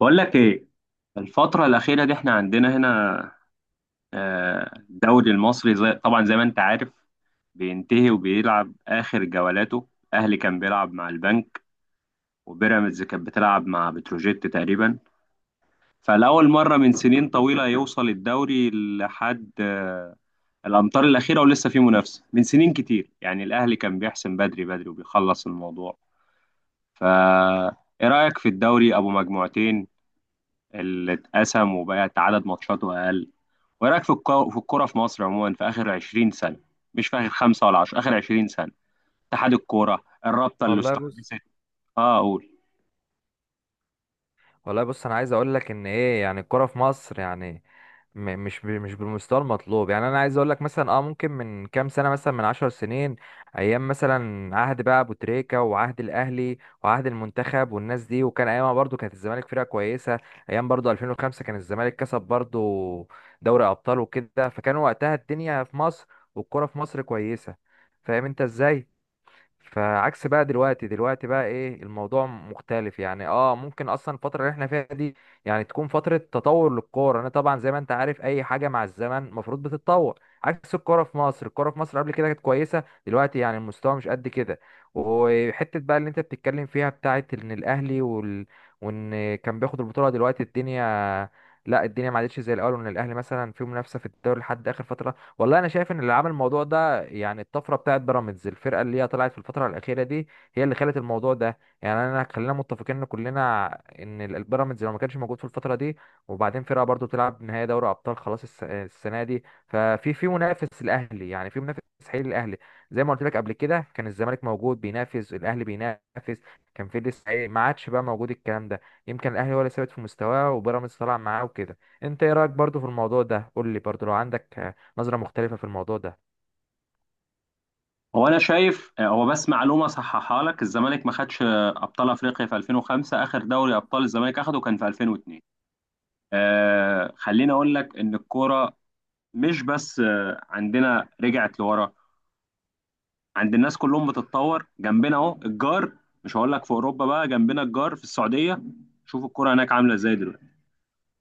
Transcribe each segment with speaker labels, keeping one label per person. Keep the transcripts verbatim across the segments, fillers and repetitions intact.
Speaker 1: بقول لك ايه؟ الفترة الأخيرة دي احنا عندنا هنا، آه، الدوري المصري زي طبعا زي ما انت عارف، بينتهي وبيلعب آخر جولاته. الأهلي كان بيلعب مع البنك، وبيراميدز كانت بتلعب مع بتروجيت تقريبا. فلأول مرة من سنين طويلة يوصل الدوري لحد آه، الأمتار الأخيرة ولسه في منافسة. من سنين كتير يعني الأهلي كان بيحسم بدري بدري وبيخلص الموضوع. فا إيه رأيك في الدوري أبو مجموعتين اللي اتقسم وبقت عدد ماتشاته أقل؟ وإيه رأيك في الكو- في الكورة في مصر عموما في آخر عشرين سنة؟ مش في آخر خمسة ولا عشرة، آخر عشرين سنة اتحاد الكورة الرابطة اللي
Speaker 2: والله
Speaker 1: استحدثت.
Speaker 2: بص
Speaker 1: اه أقول،
Speaker 2: والله بص انا عايز اقول لك ان ايه، يعني الكرة في مصر، يعني م- مش ب- مش بالمستوى المطلوب. يعني انا عايز اقول لك، مثلا اه ممكن من كام سنة، مثلا من عشر سنين، ايام مثلا عهد بقى ابو تريكة، وعهد الاهلي، وعهد المنتخب، والناس دي، وكان ايامها برضو كانت الزمالك فرقة كويسة. ايام برضو ألفين وخمسة كان الزمالك كسب برضو دوري ابطال وكده، فكان وقتها الدنيا في مصر والكرة في مصر كويسة. فاهم انت ازاي؟ فعكس بقى دلوقتي دلوقتي بقى ايه الموضوع مختلف. يعني اه ممكن اصلا الفتره اللي احنا فيها دي يعني تكون فتره تطور للكوره. انا طبعا زي ما انت عارف اي حاجه مع الزمن المفروض بتتطور، عكس الكوره في مصر. الكوره في مصر قبل كده كانت كويسه، دلوقتي يعني المستوى مش قد كده. وحته بقى اللي انت بتتكلم فيها بتاعت ان الاهلي وال... وان كان بياخد البطوله، دلوقتي الدنيا لا، الدنيا ما عادتش زي الاول، وان الاهلي مثلا فيه منافسه في الدوري لحد اخر فتره. والله انا شايف ان اللي عمل الموضوع ده بقى يعني الطفره بتاعت بيراميدز، الفرقه اللي هي طلعت في الفتره الاخيره دي هي اللي خلت الموضوع ده. يعني انا خلينا متفقين كلنا ان ال- البيراميدز لو ما كانش موجود في الفتره دي، وبعدين فرقه برضو تلعب نهائي دوري ابطال خلاص الس- السنه دي، ففي في منافس الاهلي، يعني في منافس حقيقي للاهلي. زي ما قلت لك قبل كده، كان الزمالك موجود بينافس الاهلي بينافس، كان في لسه إيه، ما عادش بقى موجود الكلام ده. يمكن الاهلي هو اللي ثابت في مستواه وبيراميدز طلع معاه وكده. انت ايه رايك برضو في الموضوع ده؟ قول لي برضو لو عندك، آه، نظرة مختلفة في الموضوع ده.
Speaker 1: هو أنا شايف آه، هو بس معلومة صححها لك، الزمالك ما خدش آه، أبطال أفريقيا في ألفين وخمسة، آخر دوري أبطال الزمالك أخده كان في ألفين واتنين. آه خليني أقول لك إن الكورة مش بس آه، عندنا رجعت لورا، عند الناس كلهم بتتطور جنبنا. اهو الجار، مش هقول لك في اوروبا، بقى جنبنا الجار في السعوديه، شوف الكرة هناك عامله ازاي دلوقتي.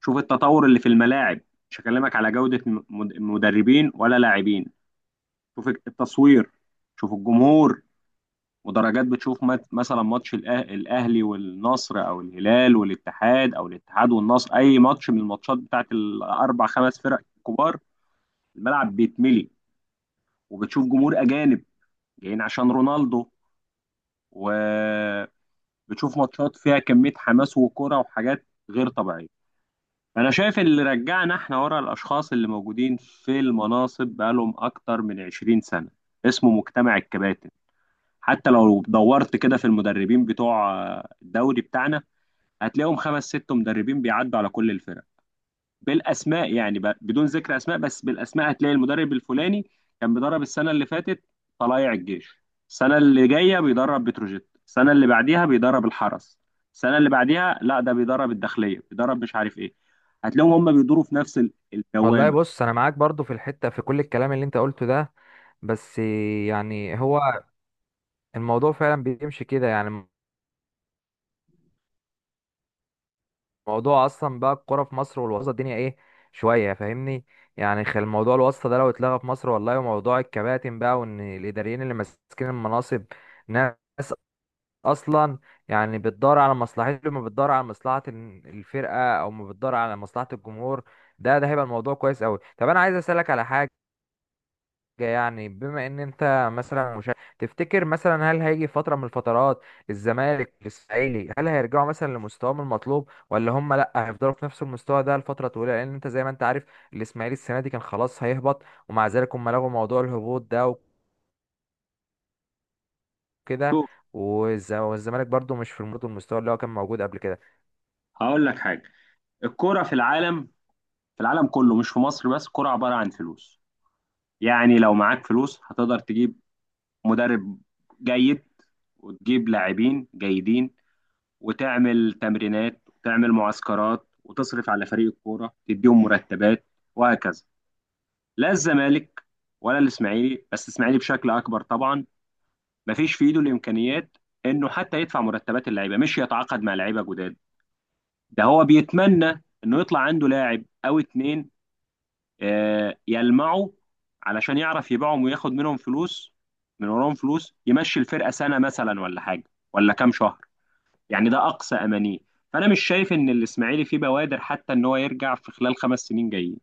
Speaker 1: شوف التطور اللي في الملاعب، مش هكلمك على جوده م- مد- مدربين ولا لاعبين. شوف التصوير، شوف الجمهور ودرجات، بتشوف مت- مثلا ماتش الأه- الاهلي والنصر او الهلال والاتحاد او الاتحاد والنصر، اي ماتش من الماتشات بتاعت الاربع خمس فرق الكبار، الملعب بيتملي وبتشوف جمهور اجانب جايين عشان رونالدو، و بتشوف ماتشات فيها كمية حماس وكرة وحاجات غير طبيعية. أنا شايف اللي رجعنا احنا ورا، الأشخاص اللي موجودين في المناصب بقالهم أكتر من عشرين سنة، اسمه مجتمع الكباتن. حتى لو دورت كده في المدربين بتوع آه، الدوري بتاعنا هتلاقيهم خمس ست مدربين بيعدوا على كل الفرق. بالاسماء يعني، ب- بدون ذكر اسماء، بس بالاسماء هتلاقي المدرب الفلاني كان بيدرب السنه اللي فاتت طلائع الجيش، السنه اللي جايه بيدرب بتروجيت، السنه اللي بعديها بيدرب الحرس، السنه اللي بعديها لا ده بيدرب الداخليه، بيدرب مش عارف ايه. هتلاقيهم هم بيدوروا في نفس ال-
Speaker 2: والله
Speaker 1: الدوامه.
Speaker 2: بص، انا معاك برضو في الحتة، في كل الكلام اللي انت قلته ده، بس يعني هو الموضوع فعلا بيمشي كده يعني. الموضوع اصلا بقى الكوره في مصر والوسط الدنيا ايه، شوية فاهمني؟ يعني خل موضوع الواسطة ده لو اتلغى في مصر والله، وموضوع الكباتن بقى، وان الاداريين اللي ماسكين المناصب ناس اصلا يعني بتدور على مصلحته، ما بتدور على مصلحة ال- الفرقة او ما بتدور على مصلحة الجمهور، ده ده هيبقى الموضوع كويس قوي. طب انا عايز اسالك على حاجة، يعني بما ان انت مثلا، مش تفتكر مثلا هل هيجي فتره من الفترات الزمالك الاسماعيلي هل هيرجعوا مثلا لمستواهم المطلوب، ولا هم لا هيفضلوا في نفس المستوى ده لفتره طويله؟ لان انت زي ما انت عارف الاسماعيلي السنه دي كان خلاص هيهبط، ومع ذلك هم لغوا موضوع الهبوط ده وكده.
Speaker 1: شوف،
Speaker 2: والز- والزمالك برضو مش في برضو المستوى اللي هو كان موجود قبل كده.
Speaker 1: هقول لك حاجه، الكوره في العالم، في العالم كله مش في مصر بس، الكوره عباره عن فلوس. يعني لو معاك فلوس هتقدر تجيب مدرب جيد، وتجيب لاعبين جيدين، وتعمل تمرينات، وتعمل معسكرات، وتصرف على فريق الكوره، تديهم مرتبات وهكذا. لا الزمالك ولا الاسماعيلي، بس الاسماعيلي بشكل اكبر طبعا، مفيش في ايده الامكانيات انه حتى يدفع مرتبات اللعيبه، مش يتعاقد مع لعيبه جداد. ده هو بيتمنى انه يطلع عنده لاعب او اتنين آه، يلمعوا علشان يعرف يبيعهم وياخد منهم فلوس، من وراهم فلوس يمشي الفرقه سنه مثلا ولا حاجه، ولا كام شهر، يعني ده اقصى امانيه. فانا مش شايف ان الاسماعيلي فيه بوادر حتى ان هو يرجع في خلال خمس سنين جايين،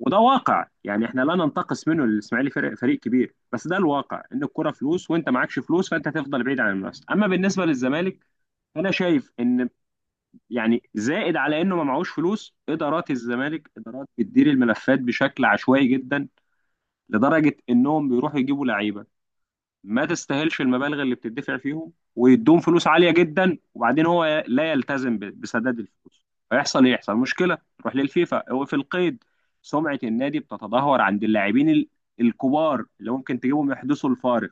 Speaker 1: وده واقع يعني. احنا لا ننتقص منه، الاسماعيلي فريق فريق كبير، بس ده الواقع، ان الكرة فلوس وانت معكش فلوس فانت هتفضل بعيد عن المنافسه. اما بالنسبه للزمالك، انا شايف ان، يعني، زائد على انه ما معهوش فلوس، ادارات الزمالك ادارات بتدير الملفات بشكل عشوائي جدا، لدرجه انهم بيروحوا يجيبوا لعيبه ما تستاهلش المبالغ اللي بتدفع فيهم، ويدوهم فلوس عالية جدا، وبعدين هو لا يلتزم ب- بسداد الفلوس. فيحصل ايه؟ يحصل مشكلة تروح للفيفا، هو في القيد، سمعة النادي بتتدهور عند اللاعبين ال- الكبار اللي ممكن تجيبهم يحدثوا الفارق.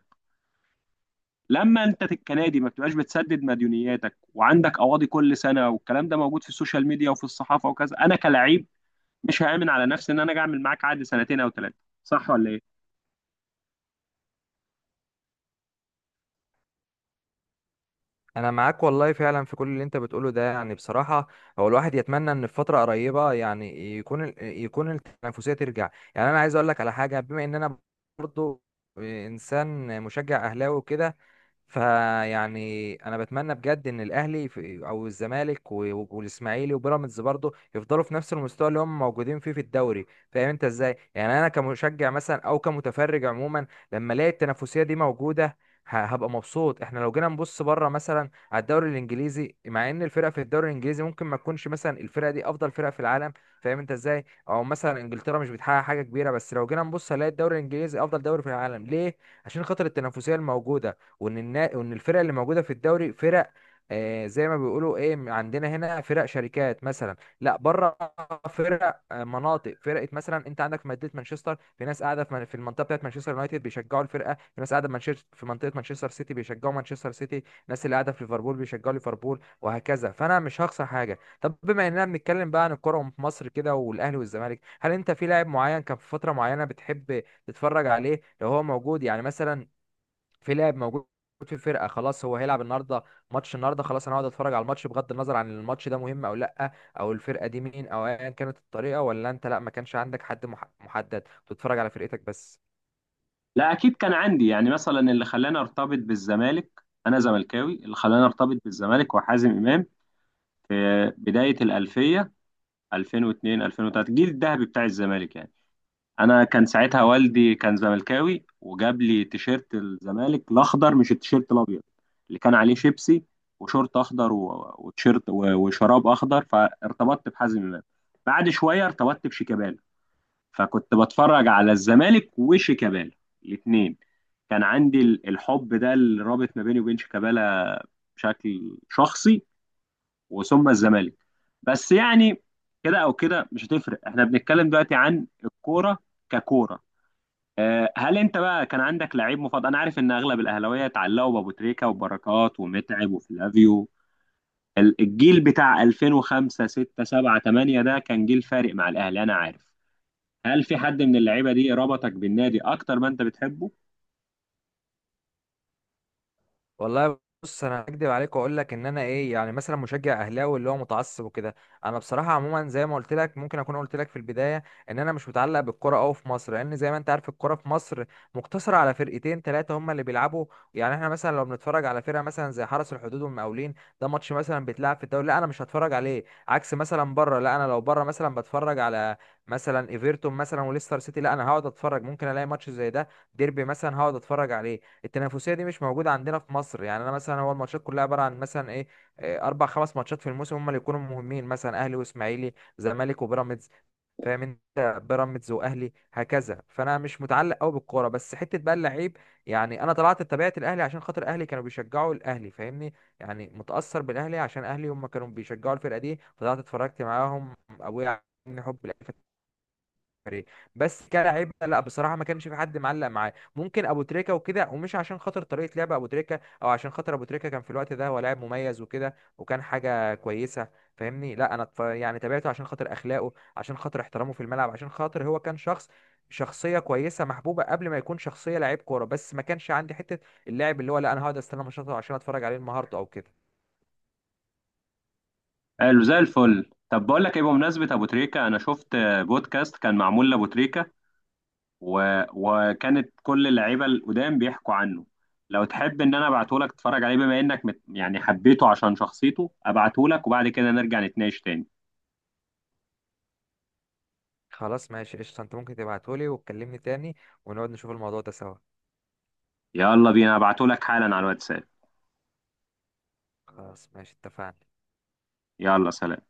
Speaker 1: لما انت ت- كنادي ما بتبقاش بتسدد مديونياتك، وعندك قواضي كل سنة، والكلام ده موجود في السوشيال ميديا وفي الصحافة وكذا، انا كلاعب مش هآمن على نفسي ان انا اجي اعمل معاك عقد سنتين او ثلاثة. صح ولا ايه؟
Speaker 2: انا معاك والله فعلا في كل اللي انت بتقوله ده، يعني بصراحه هو الواحد يتمنى ان في فتره قريبه يعني يكون ال- يكون التنافسيه ترجع. يعني انا عايز اقول لك على حاجه، بما ان انا برضو انسان مشجع اهلاوي وكده، فيعني انا بتمنى بجد ان الاهلي في- او الزمالك و- والاسماعيلي وبيراميدز برضه يفضلوا في نفس المستوى اللي هم موجودين فيه في الدوري. فاهم انت ازاي؟ يعني انا كمشجع مثلا او كمتفرج عموما، لما الاقي التنافسيه دي موجوده ه- هبقى مبسوط. احنا لو جينا نبص بره مثلا على الدوري الانجليزي، مع ان الفرق في الدوري الانجليزي ممكن ما تكونش مثلا الفرقه دي افضل فرقه في العالم، فاهم انت ازاي؟ او مثلا انجلترا مش بتحقق حاجه كبيره، بس لو جينا نبص هنلاقي الدوري الانجليزي افضل دوري في العالم. ليه؟ عشان خاطر التنافسيه الموجوده، وان النا... وان الفرق اللي موجوده في الدوري فرق، آه زي ما بيقولوا ايه، م- عندنا هنا فرق شركات مثلا، لا بره فرق، آه، مناطق. فرقه مثلا انت عندك في مدينه مانشستر في ناس قاعده في من- في المنطقه بتاعت مانشستر يونايتد بيشجعوا الفرقه، في ناس قاعده في مانشستر في منطقه مانشستر سيتي بيشجعوا مانشستر سيتي، ناس اللي قاعده في ليفربول بيشجعوا ليفربول، وهكذا. فانا مش هخسر حاجه. طب بما اننا بنتكلم بقى عن الكوره في مصر كده، والاهلي والزمالك، هل انت في لاعب معين كان في فتره معينه بتحب تتفرج عليه لو هو موجود؟ يعني مثلا في لاعب موجود في الفرقه، خلاص هو هيلعب النهارده ماتش النهارده، خلاص انا هقعد اتفرج على الماتش بغض النظر عن الماتش ده مهم او لا، او الفرقه دي مين، او ايا كانت الطريقه، ولا انت لا ما كانش عندك حد مح- محدد بتتفرج على فرقتك بس؟
Speaker 1: لا اكيد كان عندي، يعني مثلا اللي خلاني ارتبط بالزمالك، انا زملكاوي، اللي خلاني ارتبط بالزمالك وحازم امام في بدايه الالفيه، ألفين واتنين ألفين وثلاثة الجيل الذهبي بتاع الزمالك يعني. انا كان ساعتها والدي كان زملكاوي، وجاب لي تيشيرت الزمالك الاخضر مش التيشيرت الابيض اللي كان عليه شيبسي، وشورت اخضر و- وتيشيرت و- وشراب اخضر، فارتبطت بحازم امام. بعد شويه ارتبطت بشيكابالا، فكنت بتفرج على الزمالك وشيكابالا الاثنين. كان عندي ال- الحب ده اللي رابط ما بيني وبين شيكابالا بشكل شخصي، وثم الزمالك. بس يعني كده او كده مش هتفرق، احنا بنتكلم دلوقتي عن الكوره ككوره. آه، هل انت بقى كان عندك لعيب مفضل؟ انا عارف ان اغلب الاهلاويه اتعلقوا بابو تريكه وبركات ومتعب وفلافيو، ال- الجيل بتاع ألفين وخمسة ستة سبعة ثمانية ده كان جيل فارق مع الاهلي. انا عارف، هل في حد من اللعيبه دي ربطك بالنادي اكتر ما انت بتحبه؟
Speaker 2: والله بص، انا هكدب عليك واقول لك ان انا ايه يعني مثلا مشجع اهلاوي اللي هو متعصب وكده. انا بصراحه عموما زي ما قلت لك، ممكن اكون قلت لك في البدايه ان انا مش متعلق بالكره قوي في مصر، لان زي ما انت عارف الكره في مصر مقتصره على فرقتين ثلاثه هم اللي بيلعبوا. يعني احنا مثلا لو بنتفرج على فرقه مثلا زي حرس الحدود والمقاولين، ده ماتش مثلا بيتلعب في الدوري، لا انا مش هتفرج عليه. عكس مثلا بره، لا انا لو بره مثلا بتفرج على مثلا ايفرتون مثلا وليستر سيتي، لا انا هقعد اتفرج. ممكن الاقي ماتش زي ده، ديربي مثلا، هقعد اتفرج عليه. التنافسيه دي مش موجوده عندنا في مصر. يعني انا مثلا هو الماتشات كلها عباره عن مثلا ايه، آه، اربع خمس ماتشات في الموسم هم اللي يكونوا مهمين، مثلا اهلي واسماعيلي، زمالك وبيراميدز، فاهم انت؟ بيراميدز واهلي، هكذا. فانا مش متعلق قوي بالكوره. بس حته بقى اللعيب، يعني انا طلعت اتبعت الاهلي عشان خاطر اهلي كانوا بيشجعوا الاهلي، فاهمني؟ يعني متاثر بالاهلي عشان اهلي هم كانوا بيشجعوا الفرقه دي، فطلعت اتفرجت معاهم، ابويا، عن حب الاهلي فريق. بس كلاعب لا بصراحه ما كانش في حد معلق معاه، ممكن ابو تريكه وكده، ومش عشان خاطر طريقه لعب ابو تريكه، او عشان خاطر ابو تريكه كان في الوقت ده هو لاعب مميز وكده، وكان حاجه كويسه فاهمني؟ لا انا اتف- يعني تابعته عشان خاطر اخلاقه، عشان خاطر احترامه في الملعب، عشان خاطر هو كان شخص شخصيه كويسه محبوبه قبل ما يكون شخصيه لعيب كوره. بس ما كانش عندي حته اللاعب اللي هو لا انا هقعد استنى ماتشاته عشان اتفرج عليه النهارده او كده.
Speaker 1: قالوا زي الفل. طب بقول لك ايه، بمناسبه ابو تريكه انا شفت بودكاست كان معمول لابو تريكه، و... وكانت كل اللعيبه القدام بيحكوا عنه. لو تحب ان انا ابعته لك تتفرج عليه، بما انك مت... يعني حبيته عشان شخصيته، ابعته لك وبعد كده نرجع نتناقش تاني.
Speaker 2: خلاص ماشي قشطه، انت ممكن تبعتهولي وتكلمني تاني، ونقعد نشوف الموضوع ده سوا.
Speaker 1: يلا بينا، ابعته لك حالا على الواتساب.
Speaker 2: خلاص ماشي، اتفقنا.
Speaker 1: يلا سلام.